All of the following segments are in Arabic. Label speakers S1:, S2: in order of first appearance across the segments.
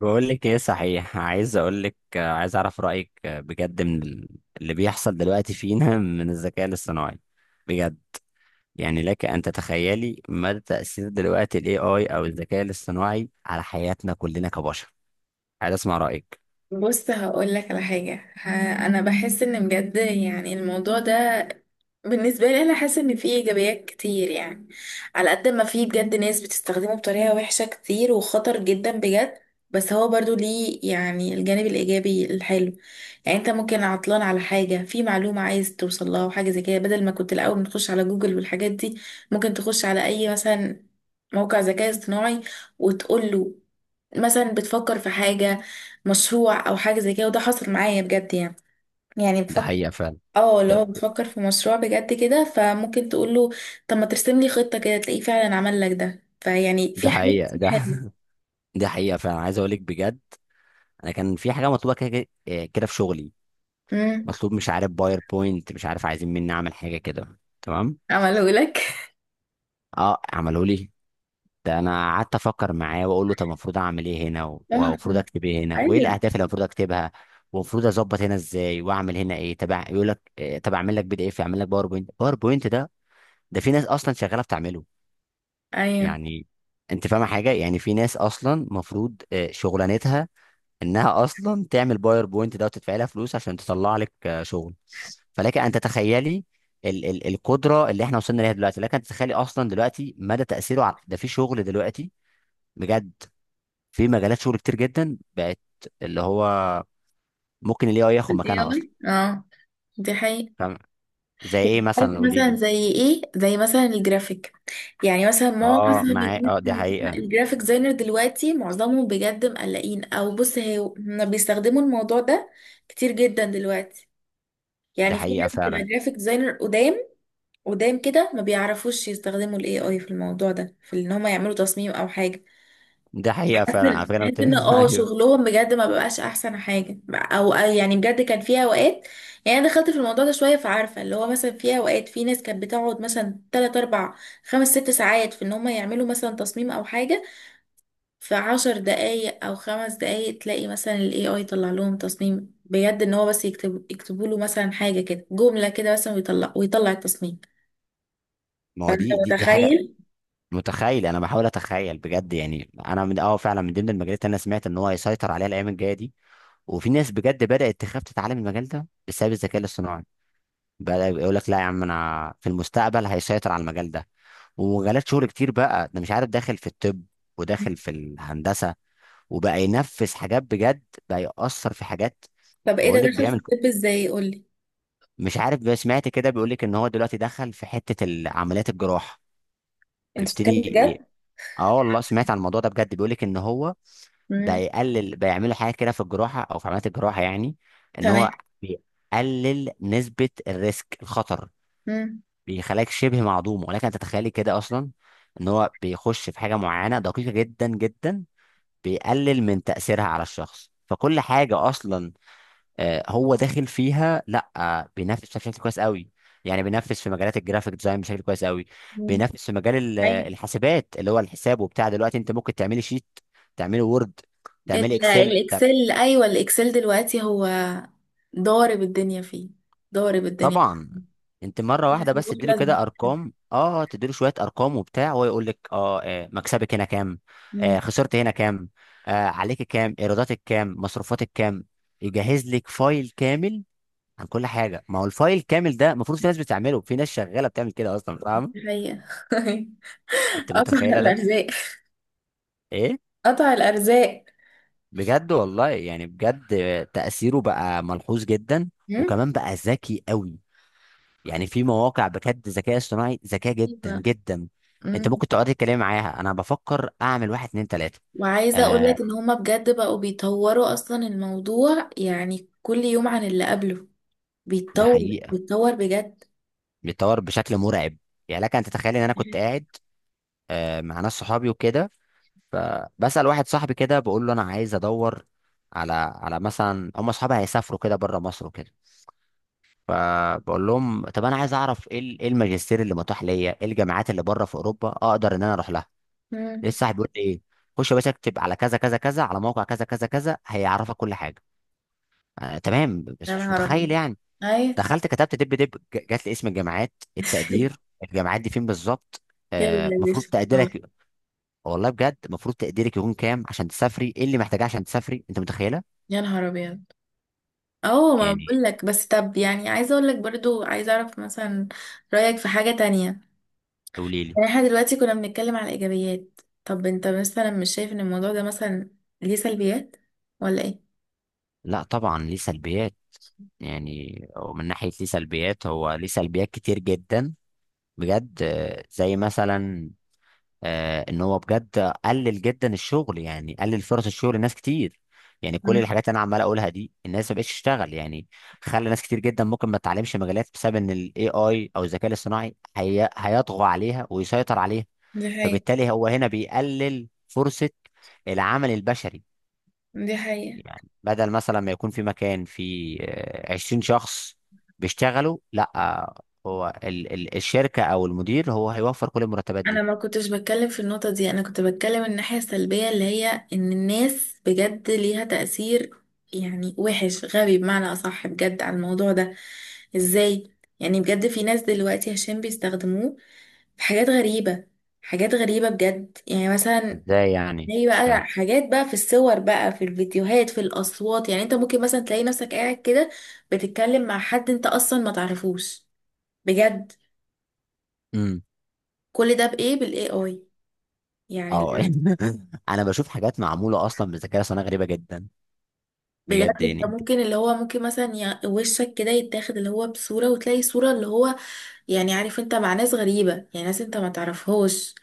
S1: بقول لك ايه؟ صحيح عايز اقول لك، عايز اعرف رايك، بجد. اللي بيحصل دلوقتي فينا من الذكاء الاصطناعي بجد، يعني لك ان تتخيلي مدى تاثير دلوقتي الاي اي او الذكاء الاصطناعي على حياتنا كلنا كبشر. عايز اسمع رايك.
S2: بص، هقول لك على حاجة أنا بحس إن بجد يعني الموضوع ده بالنسبة لي، أنا حاسة إن فيه إيجابيات كتير يعني. على قد ما فيه بجد ناس بتستخدمه بطريقة وحشة كتير وخطر جدا بجد، بس هو برضو ليه يعني الجانب الإيجابي الحلو. يعني أنت ممكن عطلان على حاجة، في معلومة عايز توصل لها وحاجة زي كده، بدل ما كنت الأول بتخش على جوجل والحاجات دي، ممكن تخش على أي مثلا موقع ذكاء اصطناعي وتقول له مثلا بتفكر في حاجة، مشروع او حاجه زي كده، وده حصل معايا بجد يعني. يعني
S1: ده
S2: بفكر،
S1: حقيقه فعلا.
S2: اه اللي
S1: ده,
S2: هو بفكر في مشروع بجد كده، فممكن تقول له طب ما ترسم لي خطه كده، تلاقيه فعلا عمل لك ده، فيعني
S1: ده
S2: في حاجات
S1: حقيقه
S2: كتير
S1: ده.
S2: حلوه.
S1: ده حقيقه فعلا، عايز اقول لك بجد، انا كان في حاجه مطلوبه كده كده، كده في شغلي،
S2: امم.
S1: مطلوب مش عارف باوربوينت، مش عارف عايزين مني اعمل حاجه كده، تمام.
S2: عمله لك
S1: اه، عملوا لي ده. انا قعدت افكر معاه واقول له طب المفروض اعمل ايه هنا،
S2: اه،
S1: والمفروض اكتب ايه هنا، وايه
S2: ايوه.
S1: الاهداف اللي المفروض اكتبها، والمفروض اظبط هنا ازاي، واعمل هنا ايه تبع، يقول لك طب اعمل لك بي دي اف، اعمل لك باوربوينت. باوربوينت ده، ده في ناس اصلا شغاله بتعمله،
S2: ايوه
S1: يعني. انت فاهم حاجه؟ يعني في ناس اصلا المفروض شغلانتها انها اصلا تعمل باوربوينت ده وتدفع لها فلوس عشان تطلع لك شغل. فلك ان تتخيلي ال القدره اللي احنا وصلنا ليها دلوقتي. لك ان تتخيلي اصلا دلوقتي مدى تاثيره على ده في شغل دلوقتي، بجد. في مجالات شغل كتير جدا بقت اللي هو ممكن الاي اي ياخد
S2: الاي
S1: مكانها اصلا،
S2: اي، اه دي حقيقة.
S1: فاهم؟ زي ايه
S2: عارف
S1: مثلا؟ قولي
S2: مثلا
S1: لي.
S2: زي ايه، زي مثلا الجرافيك. يعني مثلا معظم الناس
S1: اه،
S2: اللي
S1: معايا، اه، دي
S2: هم
S1: حقيقة.
S2: الجرافيك ديزاينر دلوقتي معظمهم بجد مقلقين، او بص هي هما بيستخدموا الموضوع ده كتير جدا دلوقتي.
S1: دي
S2: يعني في
S1: حقيقة
S2: ناس بتبقى
S1: فعلا.
S2: جرافيك ديزاينر قدام قدام كده ما بيعرفوش يستخدموا الاي اي في الموضوع ده، في ان هم يعملوا تصميم او حاجه.
S1: دي حقيقة
S2: بحس
S1: فعلا، على
S2: ان
S1: فكرة انا
S2: بحس إن
S1: متفق.
S2: اه
S1: ايوه.
S2: شغلهم بجد ما بقاش احسن حاجه، او يعني بجد كان فيها اوقات. يعني انا دخلت في الموضوع ده شويه فعارفه، اللي هو مثلا فيها اوقات في ناس كانت بتقعد مثلا 3 4 5 6 ساعات في ان هم يعملوا مثلا تصميم او حاجه، في 10 دقايق او 5 دقايق تلاقي مثلا ال AI يطلع لهم تصميم بجد، ان هو بس يكتب يكتبوا له مثلا حاجة كده جملة كده مثلا، ويطلع التصميم.
S1: ما هو
S2: فانت
S1: دي حاجة
S2: متخيل؟
S1: متخيل. انا بحاول اتخيل بجد، يعني انا من اه فعلا من ضمن المجالات اللي انا سمعت ان هو هيسيطر عليها الايام الجاية دي. وفي ناس بجد بدأت تخاف تتعلم المجال ده بسبب الذكاء الاصطناعي. بقى يقول لك لا يا عم، انا في المستقبل هيسيطر على المجال ده، ومجالات شغل كتير. بقى ده مش عارف داخل في الطب، وداخل في الهندسه، وبقى ينفذ حاجات بجد، بقى يأثر في حاجات.
S2: طب ايه
S1: بقول
S2: ده،
S1: لك
S2: دخل في الطب ازاي؟ قولي.
S1: مش عارف بقى، سمعت كده بيقول لك ان هو دلوقتي دخل في حته عمليات الجراحه.
S2: انت
S1: بيبتدي
S2: بتتكلم
S1: ي-
S2: بجد؟
S1: اه والله، سمعت عن الموضوع ده بجد. بيقول لك ان هو ده
S2: امم.
S1: يقلل، بيعملوا حاجه كده في الجراحه او في عمليات الجراحه، يعني ان
S2: تمام.
S1: هو بيقلل نسبه الريسك، الخطر،
S2: امم.
S1: بيخليك شبه معدوم. ولكن تتخيلي كده اصلا ان هو بيخش في حاجه معينه دقيقه جدا جدا، بيقلل من تاثيرها على الشخص. فكل حاجه اصلا هو داخل فيها، لا بينافس بشكل كويس قوي. يعني بينافس في مجالات الجرافيك ديزاين بشكل كويس قوي،
S2: امم.
S1: بينافس في مجال
S2: ايوه
S1: الحاسبات، اللي هو الحساب وبتاع. دلوقتي انت ممكن تعملي شيت، تعملي وورد، تعملي
S2: ال-
S1: اكسل.
S2: الاكسل ايوه الاكسل دلوقتي هو ضارب الدنيا فيه، ضارب الدنيا.
S1: طبعا. انت مره واحده
S2: لازم،
S1: بس تديله
S2: لازم.
S1: كده ارقام، اه تديله شويه ارقام وبتاع، وهو يقول لك اه، مكسبك هنا كام،
S2: مم.
S1: آه خسرت هنا كام، آه عليك كام، ايراداتك كام، مصروفاتك كام، يجهز لك فايل كامل عن كل حاجه. ما هو الفايل كامل ده المفروض في ناس بتعمله، في ناس شغاله بتعمل كده اصلا، فاهم؟
S2: الحقيقة.
S1: انت
S2: قطع
S1: متخيله ده؟
S2: الارزاق.
S1: ايه؟
S2: قطع الارزاق.
S1: بجد والله يعني، بجد تاثيره بقى ملحوظ جدا، وكمان بقى ذكي قوي. يعني في مواقع بجد ذكاء اصطناعي ذكاء جدا
S2: أيوة.
S1: جدا، انت
S2: مم.
S1: ممكن تقعد تتكلم معاها. انا بفكر اعمل واحد اتنين تلاته.
S2: وعايزة اقول
S1: آه،
S2: لك ان هما بجد بقوا بيطوروا اصلا الموضوع، يعني كل يوم عن اللي قبله
S1: ده
S2: بيتطور،
S1: حقيقه،
S2: بيتطور بجد.
S1: بيتطور بشكل مرعب. يعني لك ان تتخيل ان انا كنت قاعد آه مع ناس صحابي وكده، فبسال واحد صاحبي كده، بقول له انا عايز ادور على على مثلا، هم اصحابي هيسافروا كده بره مصر وكده، فبقول لهم طب انا عايز اعرف ايه ايه الماجستير اللي متاح ليا، ايه الجامعات اللي بره في اوروبا اقدر ان انا اروح لها.
S2: مم.
S1: لسه هيقول لي ايه؟ خش يا باشا اكتب على كذا كذا كذا، على موقع كذا كذا كذا، هيعرفك كل حاجه. آه تمام،
S2: يا
S1: بس مش
S2: نهار
S1: متخيل
S2: ابيض.
S1: يعني.
S2: اي.
S1: دخلت كتبت دب دب جات لي اسم الجامعات، التقدير، الجامعات دي فين بالظبط، المفروض
S2: يلا
S1: آه
S2: يا
S1: مفروض
S2: باشا أهو.
S1: تقديرك. والله بجد، المفروض تقديرك يكون كام عشان تسافري، ايه اللي محتاجاه عشان تسافري. انت متخيله؟
S2: يا نهار ابيض. اه ما
S1: يعني.
S2: بقول لك بس، طب يعني عايزة اقول لك برضو، عايزة اعرف مثلا رأيك في حاجة تانية.
S1: قولي لي.
S2: يعني احنا دلوقتي كنا بنتكلم على الايجابيات، طب انت مثلا مش شايف ان الموضوع ده مثلا ليه سلبيات، ولا ايه؟
S1: لا طبعا ليه سلبيات. يعني ومن ناحيه ليه سلبيات، هو ليه سلبيات كتير جدا بجد زي مثلا ان هو بجد قلل جدا الشغل، يعني قلل فرص الشغل لناس كتير. يعني كل
S2: مم.
S1: الحاجات اللي انا عمال اقولها دي، الناس ما بقتش تشتغل، يعني خلى ناس كتير جدا ممكن ما تتعلمش مجالات بسبب ان الاي اي او الذكاء الاصطناعي هي... هيطغى عليها ويسيطر عليها.
S2: دي حقيقة.
S1: فبالتالي هو هنا بيقلل فرصة العمل البشري.
S2: دي حقيقة.
S1: يعني بدل مثلا ما يكون في مكان فيه 20 شخص بيشتغلوا، لا هو الشركة او المدير هو هيوفر كل المرتبات
S2: انا
S1: دي.
S2: ما كنتش بتكلم في النقطة دي، انا كنت بتكلم الناحية السلبية اللي هي ان الناس بجد ليها تأثير يعني وحش، غبي بمعنى اصح بجد على الموضوع ده. ازاي؟ يعني بجد في ناس دلوقتي عشان بيستخدموه في حاجات غريبة، حاجات غريبة بجد. يعني مثلا
S1: ازاي يعني؟
S2: هي
S1: مش فاهم.
S2: بقى حاجات بقى في الصور بقى في الفيديوهات في الأصوات، يعني انت ممكن مثلا تلاقي نفسك قاعد كده بتتكلم مع حد انت اصلا ما تعرفوش، بجد.
S1: امم
S2: كل ده بإيه؟ بالاي اي يعني.
S1: اه. يعني انا بشوف حاجات معموله اصلا بالذكاء الاصطناعي غريبه جدا،
S2: بجد
S1: بجد يعني.
S2: انت
S1: انت
S2: ممكن، اللي هو ممكن مثلا وشك كده يتاخد، اللي هو بصورة وتلاقي صورة اللي هو، يعني عارف، انت مع ناس غريبة يعني، ناس انت ما تعرفهاش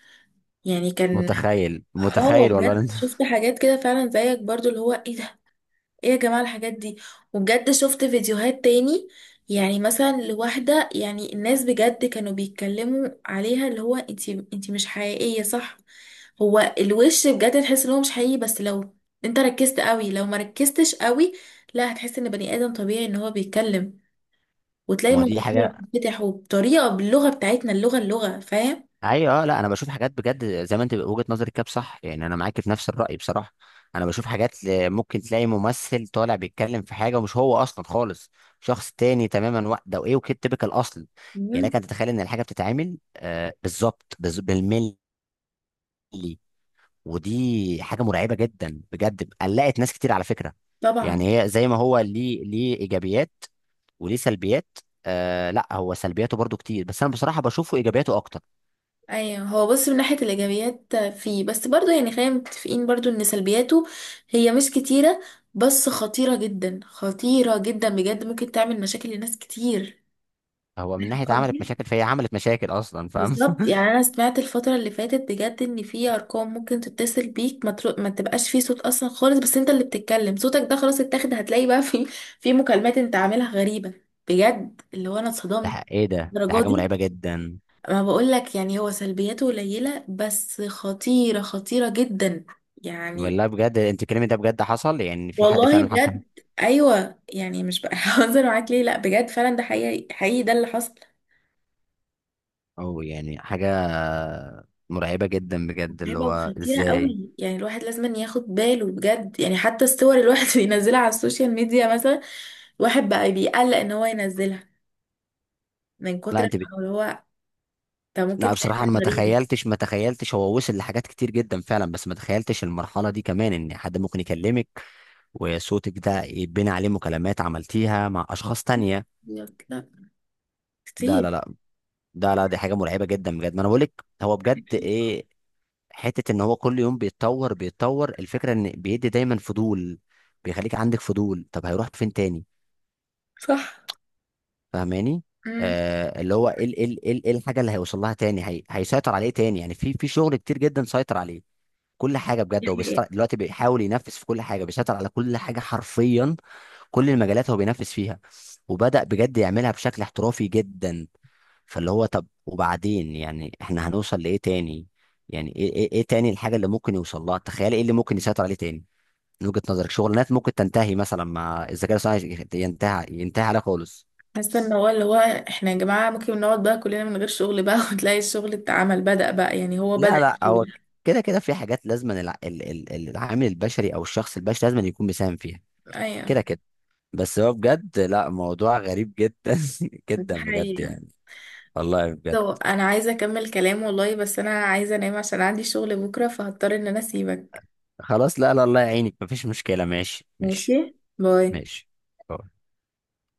S2: يعني كان،
S1: متخيل؟ متخيل
S2: اه
S1: والله إن
S2: بجد
S1: انت.
S2: شفت حاجات كده فعلا زيك برضو، اللي هو ايه ده، ايه يا جماعة الحاجات دي. وبجد شفت فيديوهات تاني، يعني مثلا لواحدة، يعني الناس بجد كانوا بيتكلموا عليها اللي هو انتي مش حقيقية صح. هو الوش بجد تحس ان هو مش حقيقي، بس لو انت ركزت قوي، لو ما ركزتش قوي لا هتحس ان بني ادم طبيعي ان هو بيتكلم، وتلاقي
S1: ما هو
S2: موضوع
S1: دي حاجه.
S2: بيتفتح، وبطريقة باللغة بتاعتنا، اللغة فاهم.
S1: ايوه، اه. لا انا بشوف حاجات بجد زي ما انت وجهه نظرك كده، صح، يعني انا معاك في نفس الراي بصراحه. انا بشوف حاجات ممكن تلاقي ممثل طالع بيتكلم في حاجه، ومش هو اصلا خالص، شخص تاني تماما، ده وايه وكده تبقى الاصل. يعني لك
S2: مم.
S1: ان تتخيل ان الحاجه بتتعمل آه بالظبط بالملي، ودي حاجه مرعبه جدا بجد، قلقت ناس كتير على فكره.
S2: طبعا.
S1: يعني هي زي ما هو ليه، ليه ايجابيات وليه سلبيات. آه لا، هو سلبياته برضو كتير، بس انا بصراحه بشوفه ايجابياته اكتر.
S2: ايوه هو بص، من ناحيه الايجابيات فيه، بس برضه يعني خلينا متفقين برضه ان سلبياته هي مش كتيره، بس خطيره جدا، خطيره جدا بجد، ممكن تعمل مشاكل لناس كتير.
S1: هو من ناحيه عملت
S2: قصدي
S1: مشاكل، فهي عملت مشاكل اصلا، فاهم؟
S2: بالظبط، يعني انا سمعت الفتره اللي فاتت بجد ان في ارقام ممكن تتصل بيك، ما تبقاش فيه صوت اصلا خالص، بس انت اللي بتتكلم صوتك ده خلاص اتاخد، هتلاقي بقى في مكالمات انت عاملها غريبه بجد، اللي هو انا اتصدمت
S1: ايه ده؟ ده
S2: الدرجه
S1: حاجه
S2: دي.
S1: مرعبه جدا.
S2: ما بقولك، يعني هو سلبياته قليلة بس خطيرة، خطيرة جدا يعني.
S1: والله بجد، انت الكلام ده بجد حصل؟ يعني في حد
S2: والله
S1: فعلا حصل؟
S2: بجد أيوة، يعني مش بهزر معاك، ليه لأ بجد فعلا ده حقيقي حقيقي ده اللي حصل.
S1: او يعني حاجه مرعبه جدا بجد، اللي
S2: متعبة
S1: هو
S2: وخطيرة
S1: ازاي؟
S2: قوي يعني، الواحد لازم ياخد باله بجد، يعني حتى الصور اللي الواحد بينزلها على السوشيال ميديا مثلا، الواحد بقى بيقلق ان هو ينزلها من كتر،
S1: لا انت.
S2: ما هو ده ممكن
S1: لا
S2: تلاقي
S1: بصراحة
S2: حاجة
S1: أنا ما
S2: غريبة.
S1: تخيلتش، ما تخيلتش هو وصل لحاجات كتير جدا فعلا، بس ما تخيلتش المرحلة دي كمان، إن حد ممكن يكلمك وصوتك ده يتبني عليه مكالمات عملتيها مع أشخاص تانية.
S2: يقولك لأ.
S1: لا
S2: كتير.
S1: لا لا. ده لا، دي حاجة مرعبة جدا بجد. ما أنا بقولك هو بجد إيه، حتة إن هو كل يوم بيتطور بيتطور، الفكرة إن بيدي دايما فضول، بيخليك عندك فضول. طب هيروح فين تاني؟
S2: صح.
S1: فاهماني؟ آه. اللي هو إيه إيه الحاجة اللي هيوصل لها تاني؟ هي... هيسيطر عليه تاني. يعني في في شغل كتير جدا سيطر عليه، كل حاجه بجد هو بيسيطر،
S2: امم.
S1: دلوقتي بيحاول ينفذ في كل حاجه، بيسيطر على كل حاجه حرفيا. كل المجالات هو بينفذ فيها، وبدأ بجد يعملها بشكل احترافي جدا. فاللي هو طب وبعدين؟ يعني احنا هنوصل لايه تاني؟ يعني إيه تاني الحاجه اللي ممكن يوصل لها؟ تخيل ايه اللي ممكن يسيطر عليه تاني. من وجهة نظرك شغلانات ممكن تنتهي مثلا مع الذكاء الاصطناعي، ينتهي عليها خالص؟
S2: حاسه ان هو، اللي هو احنا يا جماعه ممكن نقعد بقى كلنا من غير شغل بقى وتلاقي الشغل اتعمل، بدأ بقى يعني هو بدأ
S1: لا لا، هو
S2: الشغل.
S1: كده كده في حاجات لازم العامل البشري او الشخص البشري لازم يكون مساهم فيها،
S2: ايوه.
S1: كده كده. بس هو بجد لا، موضوع غريب جدا
S2: دي
S1: جدا، بجد
S2: حقيقه.
S1: يعني. والله بجد.
S2: طب انا عايزه اكمل كلام والله، بس انا عايزه انام عشان عندي شغل بكره، فهضطر ان انا اسيبك.
S1: خلاص لا لا، الله يعينك، مفيش مشكلة. ماشي ماشي
S2: ماشي. باي.
S1: ماشي.